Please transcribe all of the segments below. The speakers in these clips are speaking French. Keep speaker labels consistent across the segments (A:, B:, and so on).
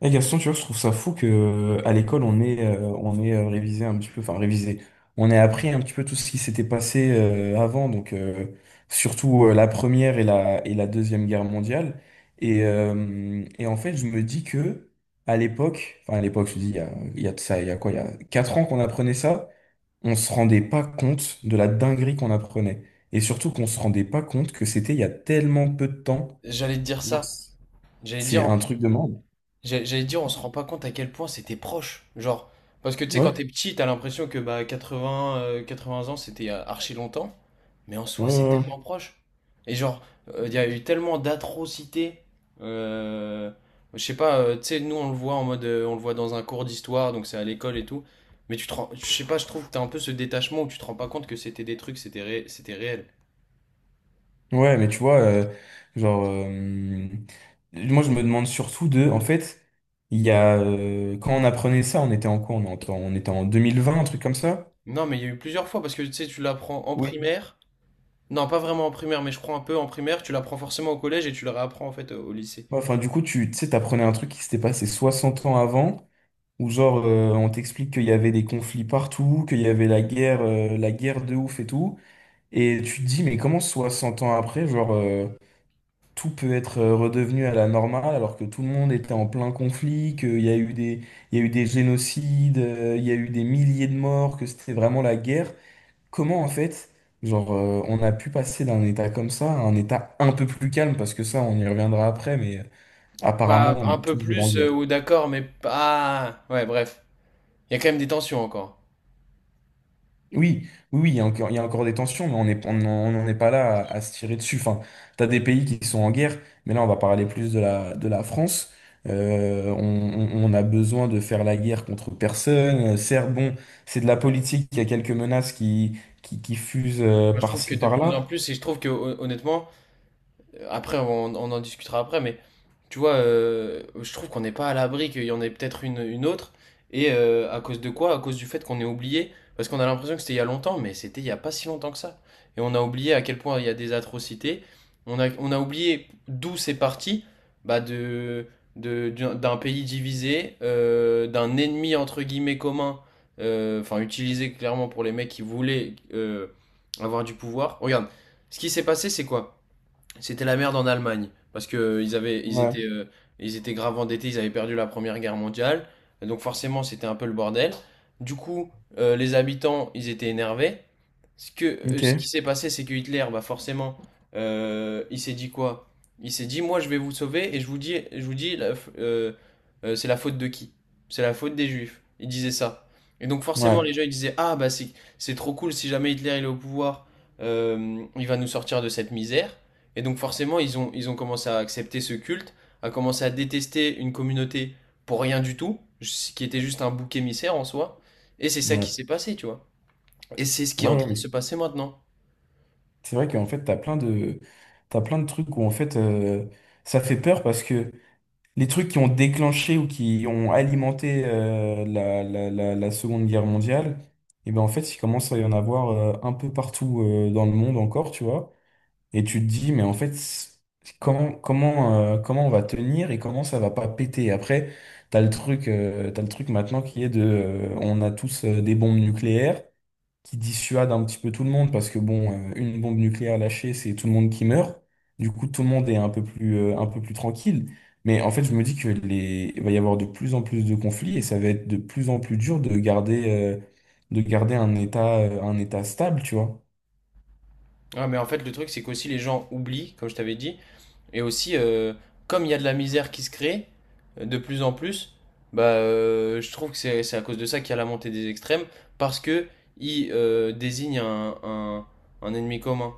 A: Eh Gaston, tu vois, je trouve ça fou que à l'école on est révisé un petit peu, enfin révisé. On est appris un petit peu tout ce qui s'était passé avant, donc surtout la première et la deuxième guerre mondiale. Et en fait, je me dis que à l'époque, enfin à l'époque, je dis il y a de ça, il y a quoi, il y a 4 ans qu'on apprenait ça, on se rendait pas compte de la dinguerie qu'on apprenait, et surtout qu'on se rendait pas compte que c'était il y a tellement peu de temps.
B: J'allais te dire
A: Genre,
B: ça. J'allais te
A: c'est
B: dire,
A: un truc de monde.
B: j'allais te dire, on se rend pas compte à quel point c'était proche. Genre, parce que tu sais, quand
A: Ouais.
B: t'es petit, t'as l'impression que bah 80, 80 ans, c'était archi longtemps. Mais en
A: Ouais,
B: soi, c'est
A: ouais,
B: tellement
A: ouais.
B: proche. Et genre, il y a eu tellement d'atrocités. Euh, je sais pas, tu sais, nous, on le voit en mode, on le voit dans un cours d'histoire, donc c'est à l'école et tout. Mais je sais pas, je trouve que t'as un peu ce détachement où tu te rends pas compte que c'était des trucs, c'était c'était réel.
A: Ouais, mais tu vois, genre, moi je me demande surtout de, en fait, il y a, quand on apprenait ça, on était en quoi? On était en 2020, un truc comme ça?
B: Non, mais il y a eu plusieurs fois parce que tu sais, tu l'apprends en
A: Oui.
B: primaire. Non, pas vraiment en primaire, mais je prends un peu en primaire. Tu l'apprends forcément au collège et tu le réapprends en fait au lycée.
A: Ouais, enfin, du coup, tu sais, t'apprenais un truc qui s'était passé 60 ans avant, où genre, on t'explique qu'il y avait des conflits partout, qu'il y avait la guerre de ouf et tout. Et tu te dis, mais comment 60 ans après, genre, tout peut être redevenu à la normale alors que tout le monde était en plein conflit, qu'il y a eu des, il y a eu des génocides, il y a eu des milliers de morts, que c'était vraiment la guerre. Comment en fait, genre, on a pu passer d'un état comme ça à un état un peu plus calme, parce que ça, on y reviendra après, mais apparemment,
B: Pas
A: on
B: un
A: est
B: peu
A: toujours en
B: plus,
A: guerre.
B: ou d'accord, mais pas. Ouais, bref. Il y a quand même des tensions encore.
A: Oui, oui, oui, il y a encore, il y a encore des tensions, mais on est, on n'en est pas là à se tirer dessus. Enfin, t'as des pays qui sont en guerre, mais là, on va parler plus de la France. On a besoin de faire la guerre contre personne. Certes, bon, c'est de la politique, il y a quelques menaces qui, qui fusent
B: Moi, je trouve que
A: par-ci,
B: de plus en
A: par-là.
B: plus, et je trouve que honnêtement, après, on en discutera après, mais tu vois, je trouve qu'on n'est pas à l'abri, qu'il y en ait peut-être une autre. Et à cause de quoi? À cause du fait qu'on est oublié. Parce qu'on a l'impression que c'était il y a longtemps, mais c'était il y a pas si longtemps que ça. Et on a oublié à quel point il y a des atrocités. On a oublié d'où c'est parti, bah de d'un pays divisé, d'un ennemi entre guillemets commun, enfin utilisé clairement pour les mecs qui voulaient avoir du pouvoir. Regarde, ce qui s'est passé, c'est quoi? C'était la merde en Allemagne parce que
A: Ouais,
B: ils étaient grave endettés, ils avaient perdu la Première Guerre mondiale, et donc forcément c'était un peu le bordel. Du coup, les habitants, ils étaient énervés. Ce que,
A: ok,
B: ce qui
A: ouais,
B: s'est passé, c'est que Hitler, bah forcément, il s'est dit quoi? Il s'est dit, moi je vais vous sauver et je vous dis, c'est la faute de qui? C'est la faute des Juifs. Il disait ça. Et donc forcément,
A: ouais,
B: les gens ils disaient, ah bah c'est trop cool si jamais Hitler il est au pouvoir, il va nous sortir de cette misère. Et donc forcément, ils ont commencé à accepter ce culte, à commencer à détester une communauté pour rien du tout, ce qui était juste un bouc émissaire en soi. Et c'est ça qui
A: ouais,
B: s'est passé, tu vois. Et c'est ce qui est en
A: ouais,
B: train de se
A: ouais.
B: passer maintenant.
A: C'est vrai qu'en fait, t'as plein de trucs où, en fait, ça fait peur parce que les trucs qui ont déclenché ou qui ont alimenté la, la, la, la Seconde Guerre mondiale, et ben en fait, il commence à y en avoir un peu partout dans le monde encore, tu vois. Et tu te dis, mais en fait, comment, comment, comment on va tenir et comment ça va pas péter? Après, t'as le truc maintenant qui est de, on a tous des bombes nucléaires qui dissuade un petit peu tout le monde parce que bon, une bombe nucléaire lâchée, c'est tout le monde qui meurt. Du coup, tout le monde est un peu plus tranquille. Mais en fait, je me dis que les, il va y avoir de plus en plus de conflits et ça va être de plus en plus dur de garder un état stable, tu vois.
B: Ah, mais en fait, le truc, c'est qu'aussi les gens oublient, comme je t'avais dit, et aussi, comme il y a de la misère qui se crée de plus en plus, je trouve que c'est à cause de ça qu'il y a la montée des extrêmes, parce que ils désignent un ennemi commun.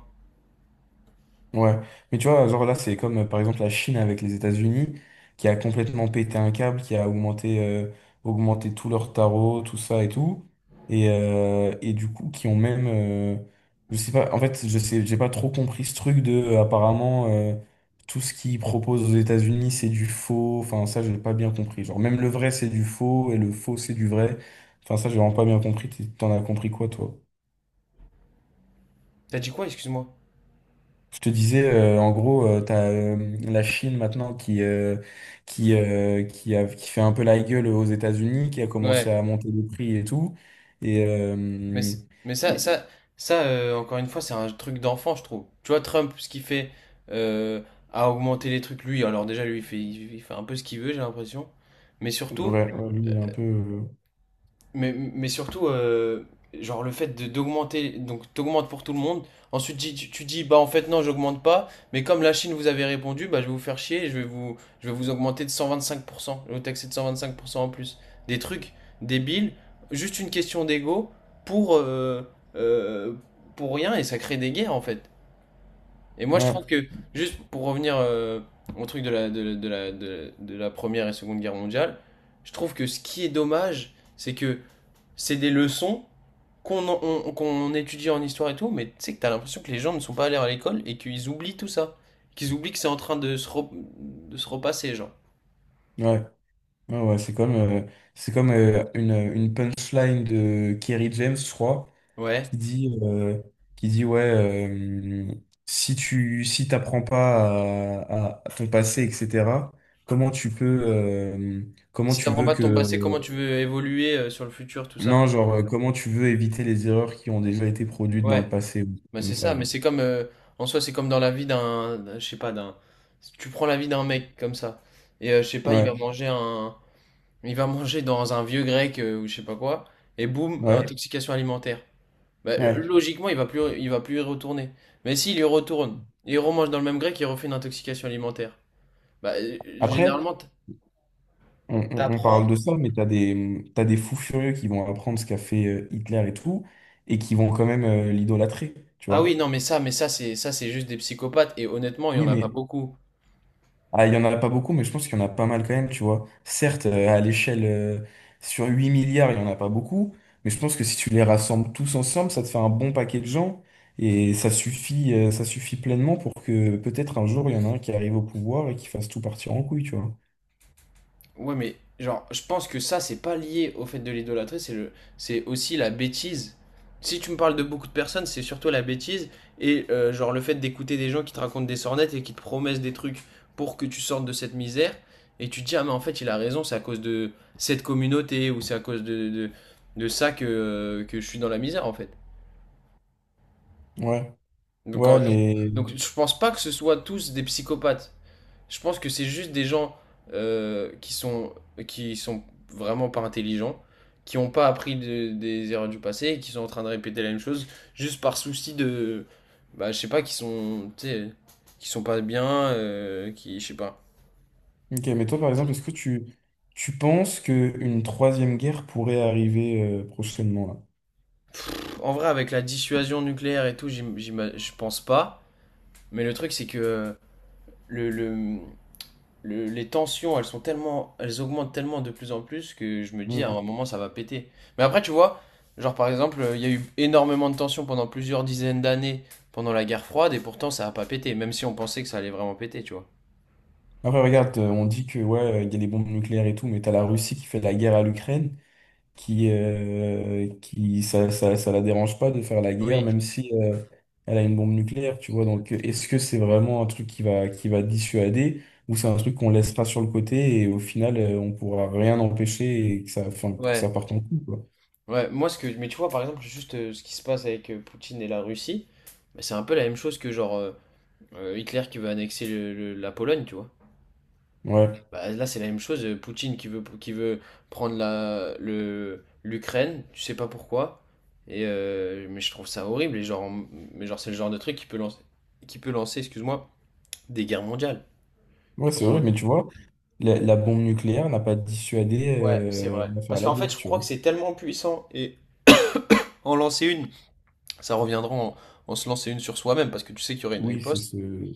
A: Ouais, mais tu vois, genre là, c'est comme par exemple la Chine avec les États-Unis, qui a complètement pété un câble, qui a augmenté, augmenté tout leur tarot, tout ça et tout. Et du coup, qui ont même. Je sais pas, en fait, je sais, j'ai pas trop compris ce truc de. Apparemment, tout ce qu'ils proposent aux États-Unis, c'est du faux. Enfin, ça, j'ai pas bien compris. Genre, même le vrai, c'est du faux, et le faux, c'est du vrai. Enfin, ça, j'ai vraiment pas bien compris. T'en as compris quoi, toi?
B: T'as dit quoi, excuse-moi?
A: Je te disais, en gros, tu as la Chine maintenant qui, a, qui fait un peu la gueule aux États-Unis, qui a commencé
B: Ouais.
A: à monter les prix et tout. Et,
B: Mais,
A: euh,
B: c- mais ça,
A: et-
B: ça, ça euh, encore une fois, c'est un truc d'enfant, je trouve. Tu vois, Trump, ce qu'il fait euh, à augmenter les trucs, lui, alors déjà, lui, il fait un peu ce qu'il veut, j'ai l'impression. Mais surtout,
A: ouais, ouais, lui, il est un peu.
B: mais surtout, genre le fait d'augmenter, donc t'augmentes pour tout le monde. Ensuite, tu dis, bah en fait, non, j'augmente pas. Mais comme la Chine vous avait répondu, bah je vais vous faire chier, je vais vous augmenter de 125%, je vais vous taxer de 125% en plus. Des trucs débiles, juste une question d'ego pour, euh, euh, pour rien et ça crée des guerres en fait. Et moi, je trouve
A: Ouais,
B: que, juste pour revenir au truc de la, de, la- de la, de la de la première et seconde guerre mondiale, je trouve que ce qui est dommage, c'est que c'est des leçons qu'on étudie en histoire et tout, mais tu sais que t'as l'impression que les gens ne sont pas allés à l'école et qu'ils oublient tout ça. Qu'ils oublient que c'est en train de se repasser, genre.
A: ouais, ouais, ouais, c'est comme une punchline de Kerry James, je crois. Qui
B: Ouais.
A: dit, qui dit ouais, euh, si t'apprends pas à, à ton passé, etc., comment tu peux, comment
B: Si
A: tu
B: t'apprends
A: veux
B: pas de
A: que,
B: ton passé, comment tu veux évoluer sur le futur, tout ça?
A: non, genre, comment tu veux éviter les erreurs qui ont déjà été produites dans le
B: Ouais.
A: passé, ou
B: Bah
A: comme
B: c'est
A: ça,
B: ça, mais
A: genre.
B: en soi, c'est comme dans la vie je sais pas, tu prends la vie d'un mec comme ça. Et je sais pas,
A: Ouais,
B: il va manger dans un vieux grec ou je sais pas quoi. Et boum,
A: ouais,
B: intoxication alimentaire.
A: ouais.
B: Logiquement, il va plus y retourner. Mais s'il y retourne, il remange dans le même grec, il refait une intoxication alimentaire.
A: Après,
B: Généralement,
A: on
B: t'apprends.
A: parle de ça, mais t'as des fous furieux qui vont apprendre ce qu'a fait Hitler et tout, et qui vont quand même l'idolâtrer, tu
B: Ah oui,
A: vois.
B: non, mais ça, c'est juste des psychopathes. Et honnêtement, il y
A: Oui,
B: en a pas
A: mais
B: beaucoup.
A: ah, il y en a pas beaucoup, mais je pense qu'il y en a pas mal quand même, tu vois. Certes, à l'échelle, sur 8 milliards, il y en a pas beaucoup, mais je pense que si tu les rassembles tous ensemble, ça te fait un bon paquet de gens, et ça suffit pleinement pour que peut-être un jour, il y en a un qui arrive au pouvoir et qui fasse tout partir en couille, tu vois.
B: Ouais, mais genre, je pense que ça, c'est pas lié au fait de l'idolâtrer, c'est aussi la bêtise. Si tu me parles de beaucoup de personnes, c'est surtout la bêtise et genre le fait d'écouter des gens qui te racontent des sornettes et qui te promettent des trucs pour que tu sortes de cette misère et tu te dis ah mais en fait il a raison, c'est à cause de cette communauté ou c'est à cause de ça que je suis dans la misère en fait.
A: Ouais,
B: Donc,
A: ouais,
B: en- donc,
A: mais...
B: donc, je pense pas que ce soit tous des psychopathes. Je pense que c'est juste des gens euh, qui sont, qui sont vraiment pas intelligents, qui n'ont pas appris des erreurs du passé et qui sont en train de répéter la même chose juste par souci de. Bah, je sais pas, qui sont. Tu sais, qui sont pas bien, qui. Je sais pas.
A: Ok, mais toi, par exemple, est-ce que tu penses qu'une troisième guerre pourrait arriver, prochainement, là?
B: En vrai, avec la dissuasion nucléaire et tout, je pense pas. Mais le truc, c'est que le, le, les tensions, elles sont tellement, elles augmentent tellement de plus en plus que je me dis à
A: Mm.
B: un moment ça va péter. Mais après, tu vois, genre par exemple, il y a eu énormément de tensions pendant plusieurs dizaines d'années pendant la guerre froide et pourtant ça a pas pété, même si on pensait que ça allait vraiment péter, tu vois.
A: Après, regarde, on dit que ouais, il y a des bombes nucléaires et tout, mais t'as la Russie qui fait la guerre à l'Ukraine. Qui, qui ça, ça, ça la dérange pas de faire la guerre,
B: Oui,
A: même si elle a une bombe nucléaire, tu vois. Donc, est-ce que c'est vraiment un truc qui va dissuader, ou c'est un truc qu'on laissera sur le côté et au final, on pourra rien empêcher et que ça, enfin, pour que ça
B: ouais,
A: parte en couille, quoi.
B: ouais. Moi, ce que, mais tu vois, par exemple, juste ce qui se passe avec Poutine et la Russie, bah, c'est un peu la même chose que Hitler qui veut annexer la Pologne, tu vois.
A: Ouais,
B: Bah, là, c'est la même chose. Poutine qui veut prendre l'Ukraine, tu sais pas pourquoi. Et, mais je trouve ça horrible. Et mais genre, c'est le genre de truc qui peut lancer, excuse-moi, des guerres mondiales. Qui
A: ouais,
B: peut
A: c'est
B: en-
A: vrai, mais tu vois, la bombe nucléaire n'a pas dissuadé
B: Ouais, c'est vrai.
A: à faire
B: Parce
A: la
B: qu'en fait,
A: guerre,
B: je
A: tu
B: crois que
A: vois.
B: c'est tellement puissant. Et en lancer une, ça reviendra en se lancer une sur soi-même, parce que tu sais qu'il y aurait une
A: Oui, c'est
B: riposte.
A: ce.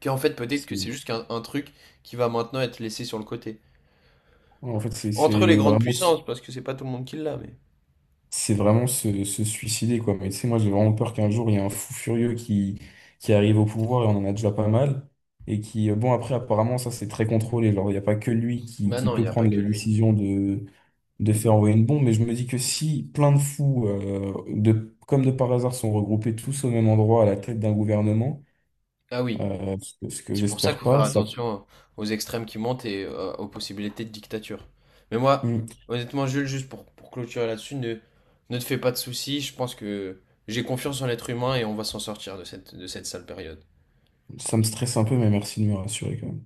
B: Qu'en fait, peut-être que c'est
A: c'est-
B: juste qu'un un truc qui va maintenant être laissé sur le côté.
A: En fait, c'est
B: Entre les
A: c'est
B: grandes
A: vraiment.
B: puissances, parce que c'est pas tout le monde qui l'a, mais.
A: C'est vraiment se suicider, quoi. Mais tu sais, moi, j'ai vraiment peur qu'un jour, il y ait un fou furieux qui, arrive au pouvoir, et on en a déjà pas mal, et qui, bon, après, apparemment, ça, c'est très contrôlé. Alors, il n'y a pas que lui qui,
B: Bah
A: qui
B: non, il
A: peut
B: n'y a pas
A: prendre
B: que
A: la
B: lui.
A: décision de faire envoyer une bombe, mais je me dis que si plein de fous, de, comme de par hasard, sont regroupés tous au même endroit à la tête d'un gouvernement,
B: Ah oui.
A: ce que
B: C'est pour ça qu'il
A: j'espère
B: faut faire
A: pas, ça,
B: attention aux extrêmes qui montent et aux possibilités de dictature. Mais moi,
A: Mm.
B: honnêtement, Jules, juste pour clôturer là-dessus, ne te fais pas de soucis. Je pense que j'ai confiance en l'être humain et on va s'en sortir de de cette sale période.
A: Ça me stresse un peu, mais merci de me rassurer, quand même.